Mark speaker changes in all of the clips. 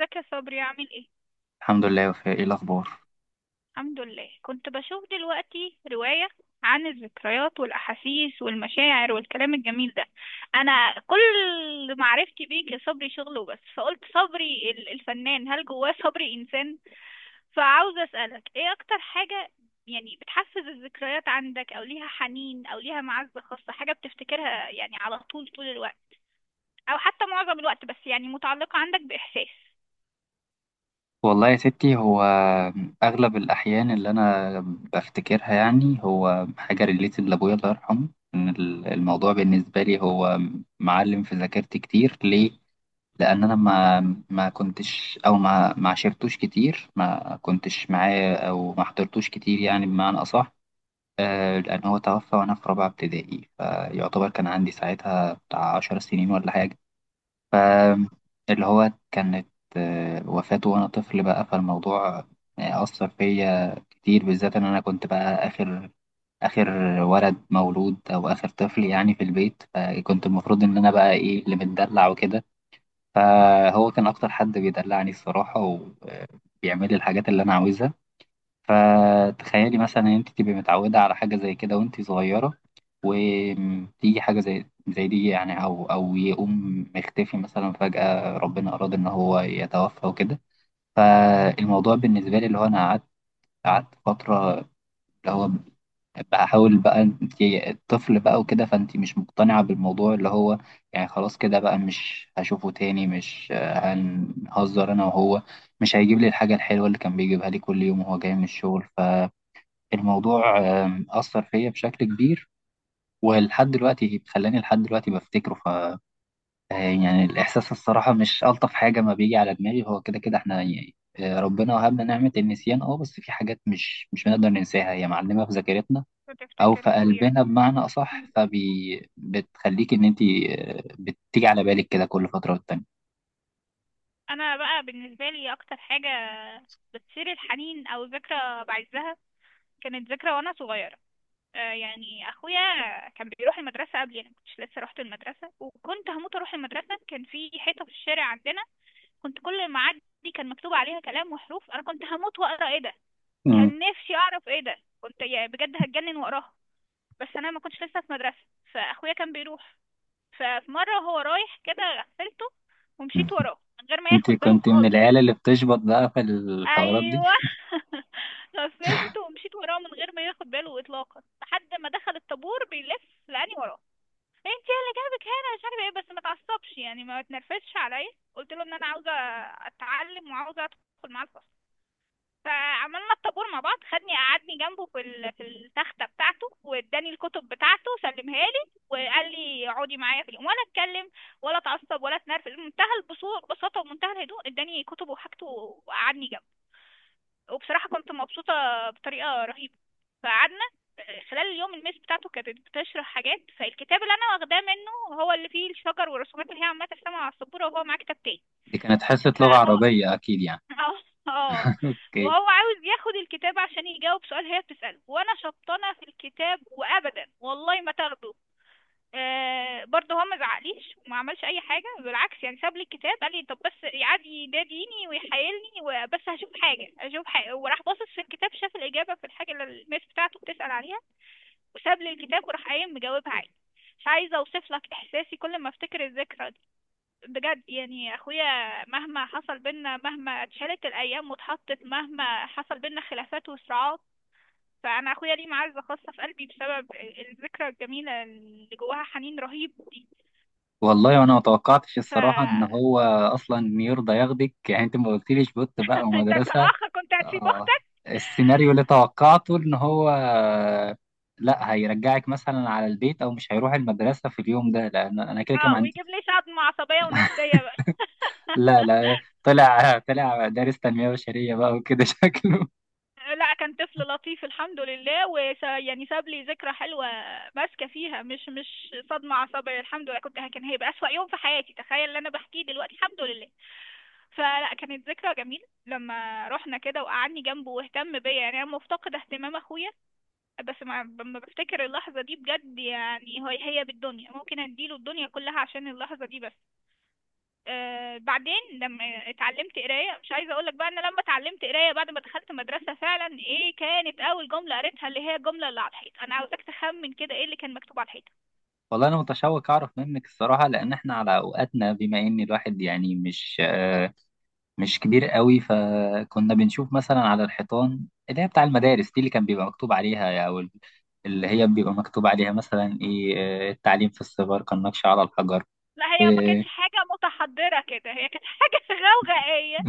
Speaker 1: ازيك يا صبري، عامل ايه؟
Speaker 2: الحمد لله يا وفاء، ايه الاخبار؟
Speaker 1: الحمد لله. كنت بشوف دلوقتي رواية عن الذكريات والأحاسيس والمشاعر والكلام الجميل ده. أنا كل معرفتي بيك يا صبري شغل وبس، فقلت صبري الفنان، هل جواه صبري إنسان؟ فعاوزة أسألك ايه أكتر حاجة يعني بتحفز الذكريات عندك، أو ليها حنين، أو ليها معزة خاصة، حاجة بتفتكرها يعني على طول طول الوقت، أو حتى معظم الوقت، بس يعني متعلقة عندك بإحساس.
Speaker 2: والله يا ستي، هو اغلب الاحيان اللي انا بفتكرها يعني هو حاجه ريليتد لابويا الله يرحمه. إن الموضوع بالنسبه لي هو معلم في ذاكرتي كتير ليه. لان انا
Speaker 1: مهم.
Speaker 2: ما كنتش، او ما عشرتوش كتير، ما كنتش معاه او ما حضرتوش كتير يعني بمعنى اصح. لان هو توفى وانا في رابعه ابتدائي، فيعتبر كان عندي ساعتها بتاع 10 سنين ولا حاجه. ف اللي هو كانت، وفاته وأنا طفل بقى. فالموضوع أثر فيا كتير، بالذات إن أنا كنت بقى آخر ولد مولود أو آخر طفل يعني في البيت. فكنت المفروض إن أنا بقى إيه، اللي متدلع وكده. فهو كان أكتر حد بيدلعني الصراحة، وبيعمل لي الحاجات اللي أنا عاوزها. فتخيلي مثلا ان انت تبقي متعوده على حاجه زي كده وانت صغيره، وتيجي حاجه زي دي يعني، او يقوم مختفي مثلا فجاه، ربنا اراد ان هو يتوفى وكده. فالموضوع بالنسبه لي اللي هو انا قعدت فتره، اللي هو بحاول بقى انت الطفل بقى وكده، فانت مش مقتنعه بالموضوع. اللي هو يعني خلاص كده بقى، مش هشوفه تاني، مش هنهزر انا وهو، مش هيجيب لي الحاجه الحلوه اللي كان بيجيبها لي كل يوم وهو جاي من الشغل. الموضوع أثر فيا بشكل كبير، ولحد دلوقتي خلاني لحد دلوقتي بفتكره. ف آه، يعني الإحساس الصراحة مش ألطف حاجة ما بيجي على دماغي. هو كده كده إحنا يعني ربنا وهبنا نعمة النسيان. بس في حاجات مش بنقدر ننساها، هي معلمة في ذاكرتنا أو
Speaker 1: بتفتكر
Speaker 2: في
Speaker 1: يا أخويا،
Speaker 2: قلبنا بمعنى أصح، فبي بتخليك إن أنت بتيجي على بالك كده كل فترة والتانية.
Speaker 1: انا بقى بالنسبه لي اكتر حاجه بتثير الحنين او ذكرى بعزها، كانت ذكرى وانا صغيره. يعني اخويا كان بيروح المدرسه، قبل انا كنتش لسه رحت المدرسه، وكنت هموت اروح المدرسه. كان في حيطه في الشارع عندنا، كنت كل ما اعدي كان مكتوب عليها كلام وحروف، انا كنت هموت واقرا ايه ده.
Speaker 2: مم.
Speaker 1: كان نفسي اعرف ايه ده، كنت يعني بجد هتجنن واقراها، بس انا ما كنتش لسه في مدرسه. فاخويا كان بيروح، ففي مره هو رايح كده غفلته ومشيت وراه من غير ما
Speaker 2: أنت
Speaker 1: ياخد باله
Speaker 2: كنت من
Speaker 1: خالص.
Speaker 2: العيال اللي بتشبط بقى في الحوارات دي؟
Speaker 1: ايوه. غفلته ومشيت وراه من غير ما ياخد باله اطلاقا لحد ما دخل الطابور بيلف لقاني وراه. إيه، انت اللي جابك هنا؟ مش عارفه ايه بس ما تعصبش يعني ما تنرفزش عليا. قلت له ان انا عاوزه اتعلم وعاوزه ادخل معاه الفصل. فعملنا الطابور مع بعض، خدني قعدني جنبه في في التخته بتاعته، واداني الكتب بتاعته سلمها لي وقال لي اقعدي معايا في اليوم ولا اتكلم ولا اتعصب ولا اتنرفز. منتهى البساطه ومنتهى الهدوء. اداني كتبه وحاجته وقعدني جنبه. وبصراحة كنت مبسوطة بطريقة رهيبة. فقعدنا. خلال اليوم الميس بتاعته كانت بتشرح حاجات، فالكتاب اللي انا واخداه منه هو اللي فيه الشجر والرسومات اللي هي عمالة ترسمها على السبورة، وهو معاه كتاب تاني.
Speaker 2: دي كانت حصة لغة
Speaker 1: فهو.
Speaker 2: عربية أكيد يعني.
Speaker 1: اه. اه.
Speaker 2: أوكي.
Speaker 1: وهو عاوز ياخد الكتاب عشان يجاوب سؤال هي بتسأله، وانا شبطانة في الكتاب وابدا والله ما تاخده. برضه هو ما زعقليش وما عملش اي حاجه، بالعكس يعني ساب لي الكتاب، قال لي طب بس. قعد يناديني ويحايلني، وبس هشوف حاجه هشوف حاجه، وراح باصص في الكتاب شاف الاجابه في الحاجه اللي الميس بتاعته بتسال عليها، وساب لي الكتاب وراح قايم مجاوبها عادي. مش عايزه اوصف لك احساسي كل ما افتكر الذكرى دي. بجد يعني اخويا مهما حصل بينا، مهما اتشالت الايام واتحطت، مهما حصل بينا خلافات وصراعات، فانا اخويا ليه معزه خاصه في قلبي بسبب الذكرى الجميله اللي جواها حنين رهيب دي.
Speaker 2: والله انا ما توقعتش الصراحه ان
Speaker 1: فانت.
Speaker 2: هو اصلا يرضى ياخدك، يعني انت ما قلتليش بوت بقى ومدرسه.
Speaker 1: كأخ كنت هتسيب
Speaker 2: آه.
Speaker 1: اختك؟
Speaker 2: السيناريو اللي توقعته ان هو لا، هيرجعك مثلا على البيت او مش هيروح المدرسه في اليوم ده، لان انا كده كده ما
Speaker 1: اه،
Speaker 2: عندي.
Speaker 1: ويجيب لي صدمة عصبية ونفسية بقى.
Speaker 2: لا، لا، طلع دارس تنميه بشريه بقى وكده. شكله.
Speaker 1: لا، كان طفل لطيف الحمد لله، يعني ساب لي ذكرى حلوة ماسكة فيها، مش صدمة عصبية الحمد لله. كنت كان هيبقى أسوأ يوم في حياتي تخيل اللي أنا بحكيه دلوقتي، الحمد لله. فلا، كانت ذكرى جميلة لما رحنا كده وقعدني جنبه واهتم بيا، يعني أنا مفتقدة اهتمام أخويا. بس ما لما بفتكر اللحظة دي بجد، يعني هو هي بالدنيا، ممكن اديله الدنيا كلها عشان اللحظة دي بس. بعدين لما اتعلمت قراية، مش عايزة اقولك بقى انا لما اتعلمت قراية بعد ما دخلت مدرسة فعلا ايه كانت اول جملة قريتها، اللي هي الجملة اللي على الحيط. انا عاوزاك تخمن كده ايه اللي كان مكتوب على الحيطة.
Speaker 2: والله انا متشوق اعرف منك الصراحه، لان احنا على اوقاتنا، بما ان الواحد يعني مش كبير قوي، فكنا بنشوف مثلا على الحيطان اللي هي بتاع المدارس دي اللي كان بيبقى مكتوب عليها، او اللي هي بيبقى مكتوب عليها مثلا ايه. التعليم في الصغر كالنقش على الحجر.
Speaker 1: لا، هي ما
Speaker 2: و-
Speaker 1: كانتش حاجة متحضرة كده، هي كانت حاجة غوغائية،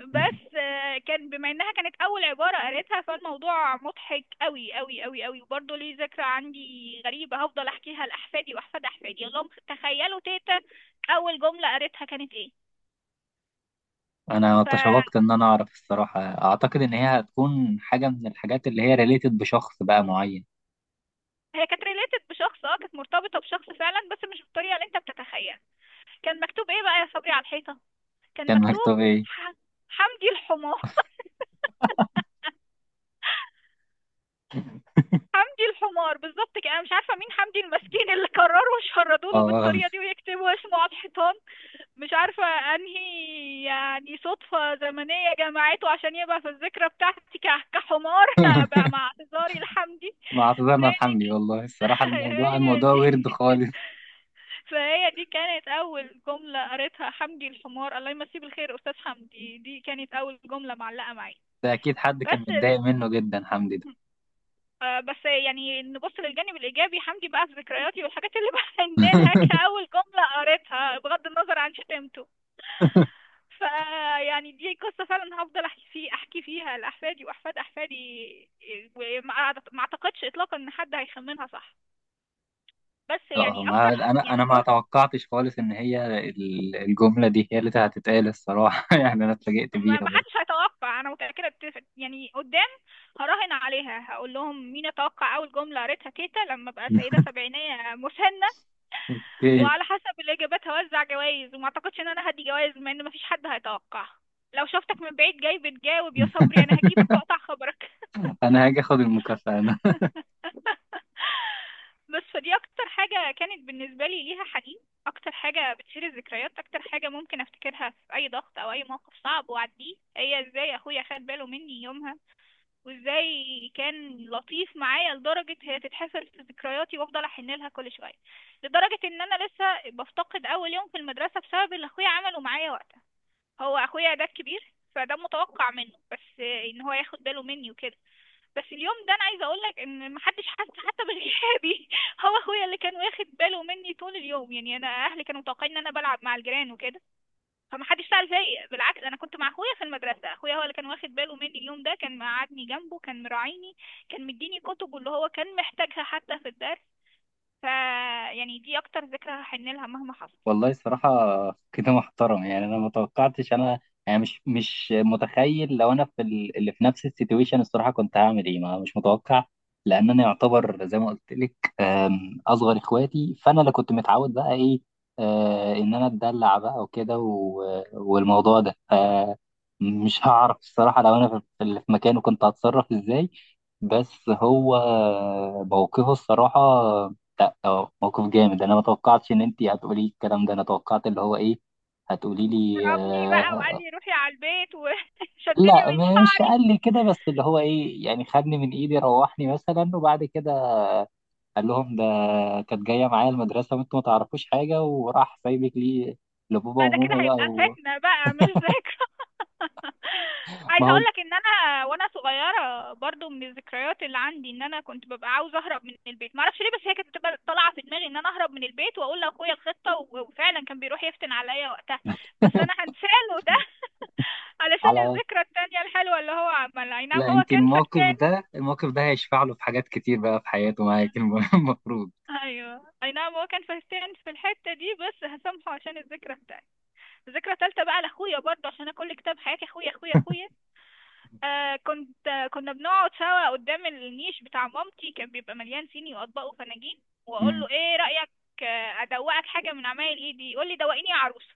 Speaker 1: بس كان بما انها كانت اول عبارة قالتها، فالموضوع مضحك قوي قوي قوي قوي، وبرضه ليه ذكرى عندي غريبة هفضل احكيها لاحفادي واحفاد احفادي. اللهم تخيلوا تيتا اول جملة قالتها كانت ايه.
Speaker 2: انا
Speaker 1: فهي
Speaker 2: تشوقت ان انا اعرف الصراحه، اعتقد ان هي هتكون حاجه من الحاجات اللي هي ريليتد بشخص بقى معين.
Speaker 1: كانت ريليتد بشخص، اه كانت مرتبطة بشخص فعلا، بس مش بالطريقة اللي انت بتتخيلها. كان مكتوب ايه بقى يا صبري على الحيطة؟ كان
Speaker 2: كان مكتوب
Speaker 1: مكتوب
Speaker 2: ايه؟
Speaker 1: حمدي الحمار. حمدي الحمار بالظبط كده. انا مش عارفه مين حمدي المسكين اللي قرروا يشردوا له
Speaker 2: اه.
Speaker 1: بالطريقه دي ويكتبوا اسمه على الحيطان. مش عارفة انهي يعني صدفة زمنية جمعته عشان يبقى في الذكرى بتاعتي كحمار، بقى مع اعتذاري لحمدي.
Speaker 2: مع اعتذارنا
Speaker 1: فهي دي
Speaker 2: الحمدي. والله الصراحه، الموضوع
Speaker 1: هي
Speaker 2: الموضوع
Speaker 1: دي
Speaker 2: ورد خالص.
Speaker 1: فهي دي كانت أول جملة قريتها، حمدي الحمار. الله يمسيه بالخير أستاذ حمدي، دي كانت أول جملة معلقة معي.
Speaker 2: ده اكيد حد كان
Speaker 1: بس
Speaker 2: متضايق
Speaker 1: ال...
Speaker 2: منه جدا، حمدي ده.
Speaker 1: آه، بس يعني نبص للجانب الإيجابي، حمدي بقى في ذكرياتي والحاجات اللي بحن لها كأول جملة قريتها بغض النظر عن شتمته. فيعني دي قصة فعلا هفضل احكي فيه احكي فيها لأحفادي وأحفاد أحفادي. وما أعت- ما اعتقدش اطلاقا ان حد هيخمنها صح. بس
Speaker 2: اه،
Speaker 1: يعني
Speaker 2: ما
Speaker 1: اكتر
Speaker 2: انا
Speaker 1: يعني
Speaker 2: ما
Speaker 1: جزء.
Speaker 2: توقعتش خالص ان هي الجمله دي هي اللي هتتقال الصراحه. يعني انا اتفاجئت
Speaker 1: ما
Speaker 2: بيها
Speaker 1: ما حدش
Speaker 2: برضه.
Speaker 1: هيتوقع، انا متأكدة يعني قدام هراهن عليها. هقول لهم مين يتوقع اول جملة قريتها تيتا لما ابقى سيدة سبعينية مسنة،
Speaker 2: اوكي.
Speaker 1: وعلى حسب الاجابات هوزع جوائز، وما اعتقدش ان انا هدي جوائز بما ان مفيش حد هيتوقع. لو شفتك من بعيد جاي بتجاوب يا صبري، انا هجيبك واقطع خبرك.
Speaker 2: انا هاجي اخد المكافاه.
Speaker 1: بس فدي اكتر حاجة كانت بالنسبة لي ليها حنين، اكتر حاجة بتشيل الذكريات، اكتر حاجة ممكن افتكرها في اي ضغط او اي موقف صعب واعديه، هي ازاي اخويا خد باله مني يومها، وازاي كان لطيف معايا لدرجة هي تتحفر في ذكرياتي وافضل احن لها كل شوية، لدرجة ان انا لسه بفتقد اول يوم في المدرسة بسبب اللي اخويا عمله معايا وقتها. هو اخويا ده الكبير، فده متوقع منه بس ان هو ياخد باله مني وكده، بس اليوم ده انا عايزه اقول لك ان محدش حس حتى بغيابي. هو اخويا اللي كان واخد باله مني طول اليوم، يعني انا اهلي كانوا متوقعين ان انا بلعب مع الجيران وكده، فمحدش سأل فيا. بالعكس انا كنت مع اخويا في المدرسه، اخويا هو اللي كان واخد باله مني اليوم ده، كان مقعدني جنبه، كان مراعيني، كان مديني كتب اللي هو كان محتاجها حتى في الدرس. ف يعني دي اكتر ذكرى هحن لها مهما حصل.
Speaker 2: والله الصراحة كده محترم، يعني أنا ما توقعتش أنا، يعني مش متخيل لو أنا في اللي في نفس السيتويشن الصراحة كنت هعمل إيه. ما مش متوقع، لأن أنا يعتبر زي ما قلت لك، أصغر إخواتي، فأنا اللي كنت متعود بقى إيه، إن أنا أتدلع بقى وكده. والموضوع ده مش هعرف الصراحة لو أنا في اللي في مكانه كنت هتصرف إزاي. بس هو موقفه الصراحة. لا، اه، موقف جامد. انا ما توقعتش ان انت هتقولي الكلام ده. انا توقعت اللي هو ايه، هتقولي لي
Speaker 1: ضربني بقى وقال
Speaker 2: آه.
Speaker 1: لي روحي على البيت وشدني
Speaker 2: لا،
Speaker 1: من
Speaker 2: مش
Speaker 1: شعري.
Speaker 2: قال لي كده، بس اللي هو ايه يعني خدني من ايدي، روحني مثلا، وبعد كده قال لهم ده كانت جايه معايا المدرسه وانتوا ما تعرفوش حاجه، وراح سايبك لي لبابا
Speaker 1: لا، ده كده
Speaker 2: وماما بقى.
Speaker 1: هيبقى فتنة بقى مش ذاكرة.
Speaker 2: ما
Speaker 1: عايزة
Speaker 2: هو
Speaker 1: اقولك ان انا وانا صغيرة برضو من الذكريات اللي عندي ان انا كنت ببقى عاوزة اهرب من البيت معرفش ليه، بس هي كانت بتبقى طالعة في دماغي ان انا اهرب من البيت واقول لاخويا الخطة، وفعلا كان بيروح يفتن عليا وقتها. بس انا هنساله ده علشان
Speaker 2: على،
Speaker 1: الذكرى التانية الحلوة اللي هو عملها، اي نعم
Speaker 2: لا،
Speaker 1: هو
Speaker 2: انت
Speaker 1: كان
Speaker 2: الموقف
Speaker 1: فقتان.
Speaker 2: ده، الموقف ده هيشفع له في حاجات كتير بقى في حياته معاك المفروض.
Speaker 1: ايوه اي نعم هو كان فهتان في الحته دي، بس هسامحه عشان الذكرى التانية. الذكرى التالتة بقى لاخويا برضه، عشان انا كل كتاب حياتي اخويا اخويا اخويا. آه كنت آه كنا بنقعد سوا قدام النيش بتاع مامتي، كان بيبقى مليان صيني واطباق وفناجين، واقول
Speaker 2: مم.
Speaker 1: له ايه رايك. ادوقك حاجه من عمايل ايدي، يقول لي دوقيني يا عروسه،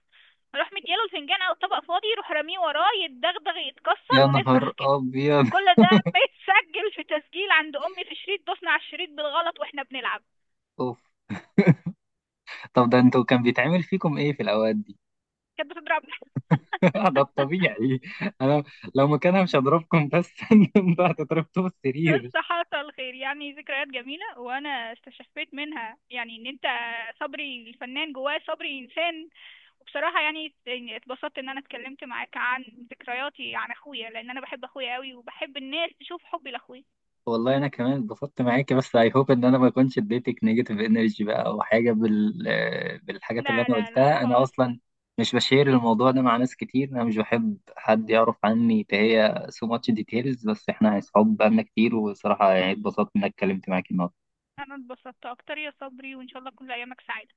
Speaker 1: اروح مدياله الفنجان او الطبق فاضي يروح راميه وراه يتدغدغ يتكسر
Speaker 2: يا
Speaker 1: ونفرح
Speaker 2: نهار
Speaker 1: كده.
Speaker 2: ابيض.
Speaker 1: كل ده بيتسجل في تسجيل عند امي في شريط، دوسنا على الشريط بالغلط واحنا بنلعب.
Speaker 2: طب ده انتوا كان بيتعمل فيكم ايه في الاوقات دي؟
Speaker 1: كانت بتضربنا.
Speaker 2: ده الطبيعي. انا لو مكانها مش هضربكم، بس انتوا هتضربتوا في السرير.
Speaker 1: الصحة الخير، يعني ذكريات جميلة وأنا استشفيت منها، يعني إن أنت صبري الفنان جواه صبري إنسان. وبصراحة يعني اتبسطت إن أنا اتكلمت معاك عن ذكرياتي عن أخويا، لأن أنا بحب أخويا قوي وبحب الناس تشوف حبي لأخويا.
Speaker 2: والله انا كمان اتبسطت معاكي، بس اي هوب ان انا ما اكونش اديتك نيجاتيف انرجي بقى او حاجه بالحاجات اللي
Speaker 1: لا
Speaker 2: انا
Speaker 1: لا لا
Speaker 2: قلتها. انا
Speaker 1: خالص.
Speaker 2: اصلا مش بشير الموضوع ده مع ناس كتير، انا مش بحب حد يعرف عني تهيا سو ماتش ديتيلز، بس احنا اصحاب بقالنا كتير، وصراحه يعني اتبسطت انك اتكلمت معاكي النهارده.
Speaker 1: أنا اتبسطت أكتر يا صبري، وإن شاء الله كل أيامك سعيدة.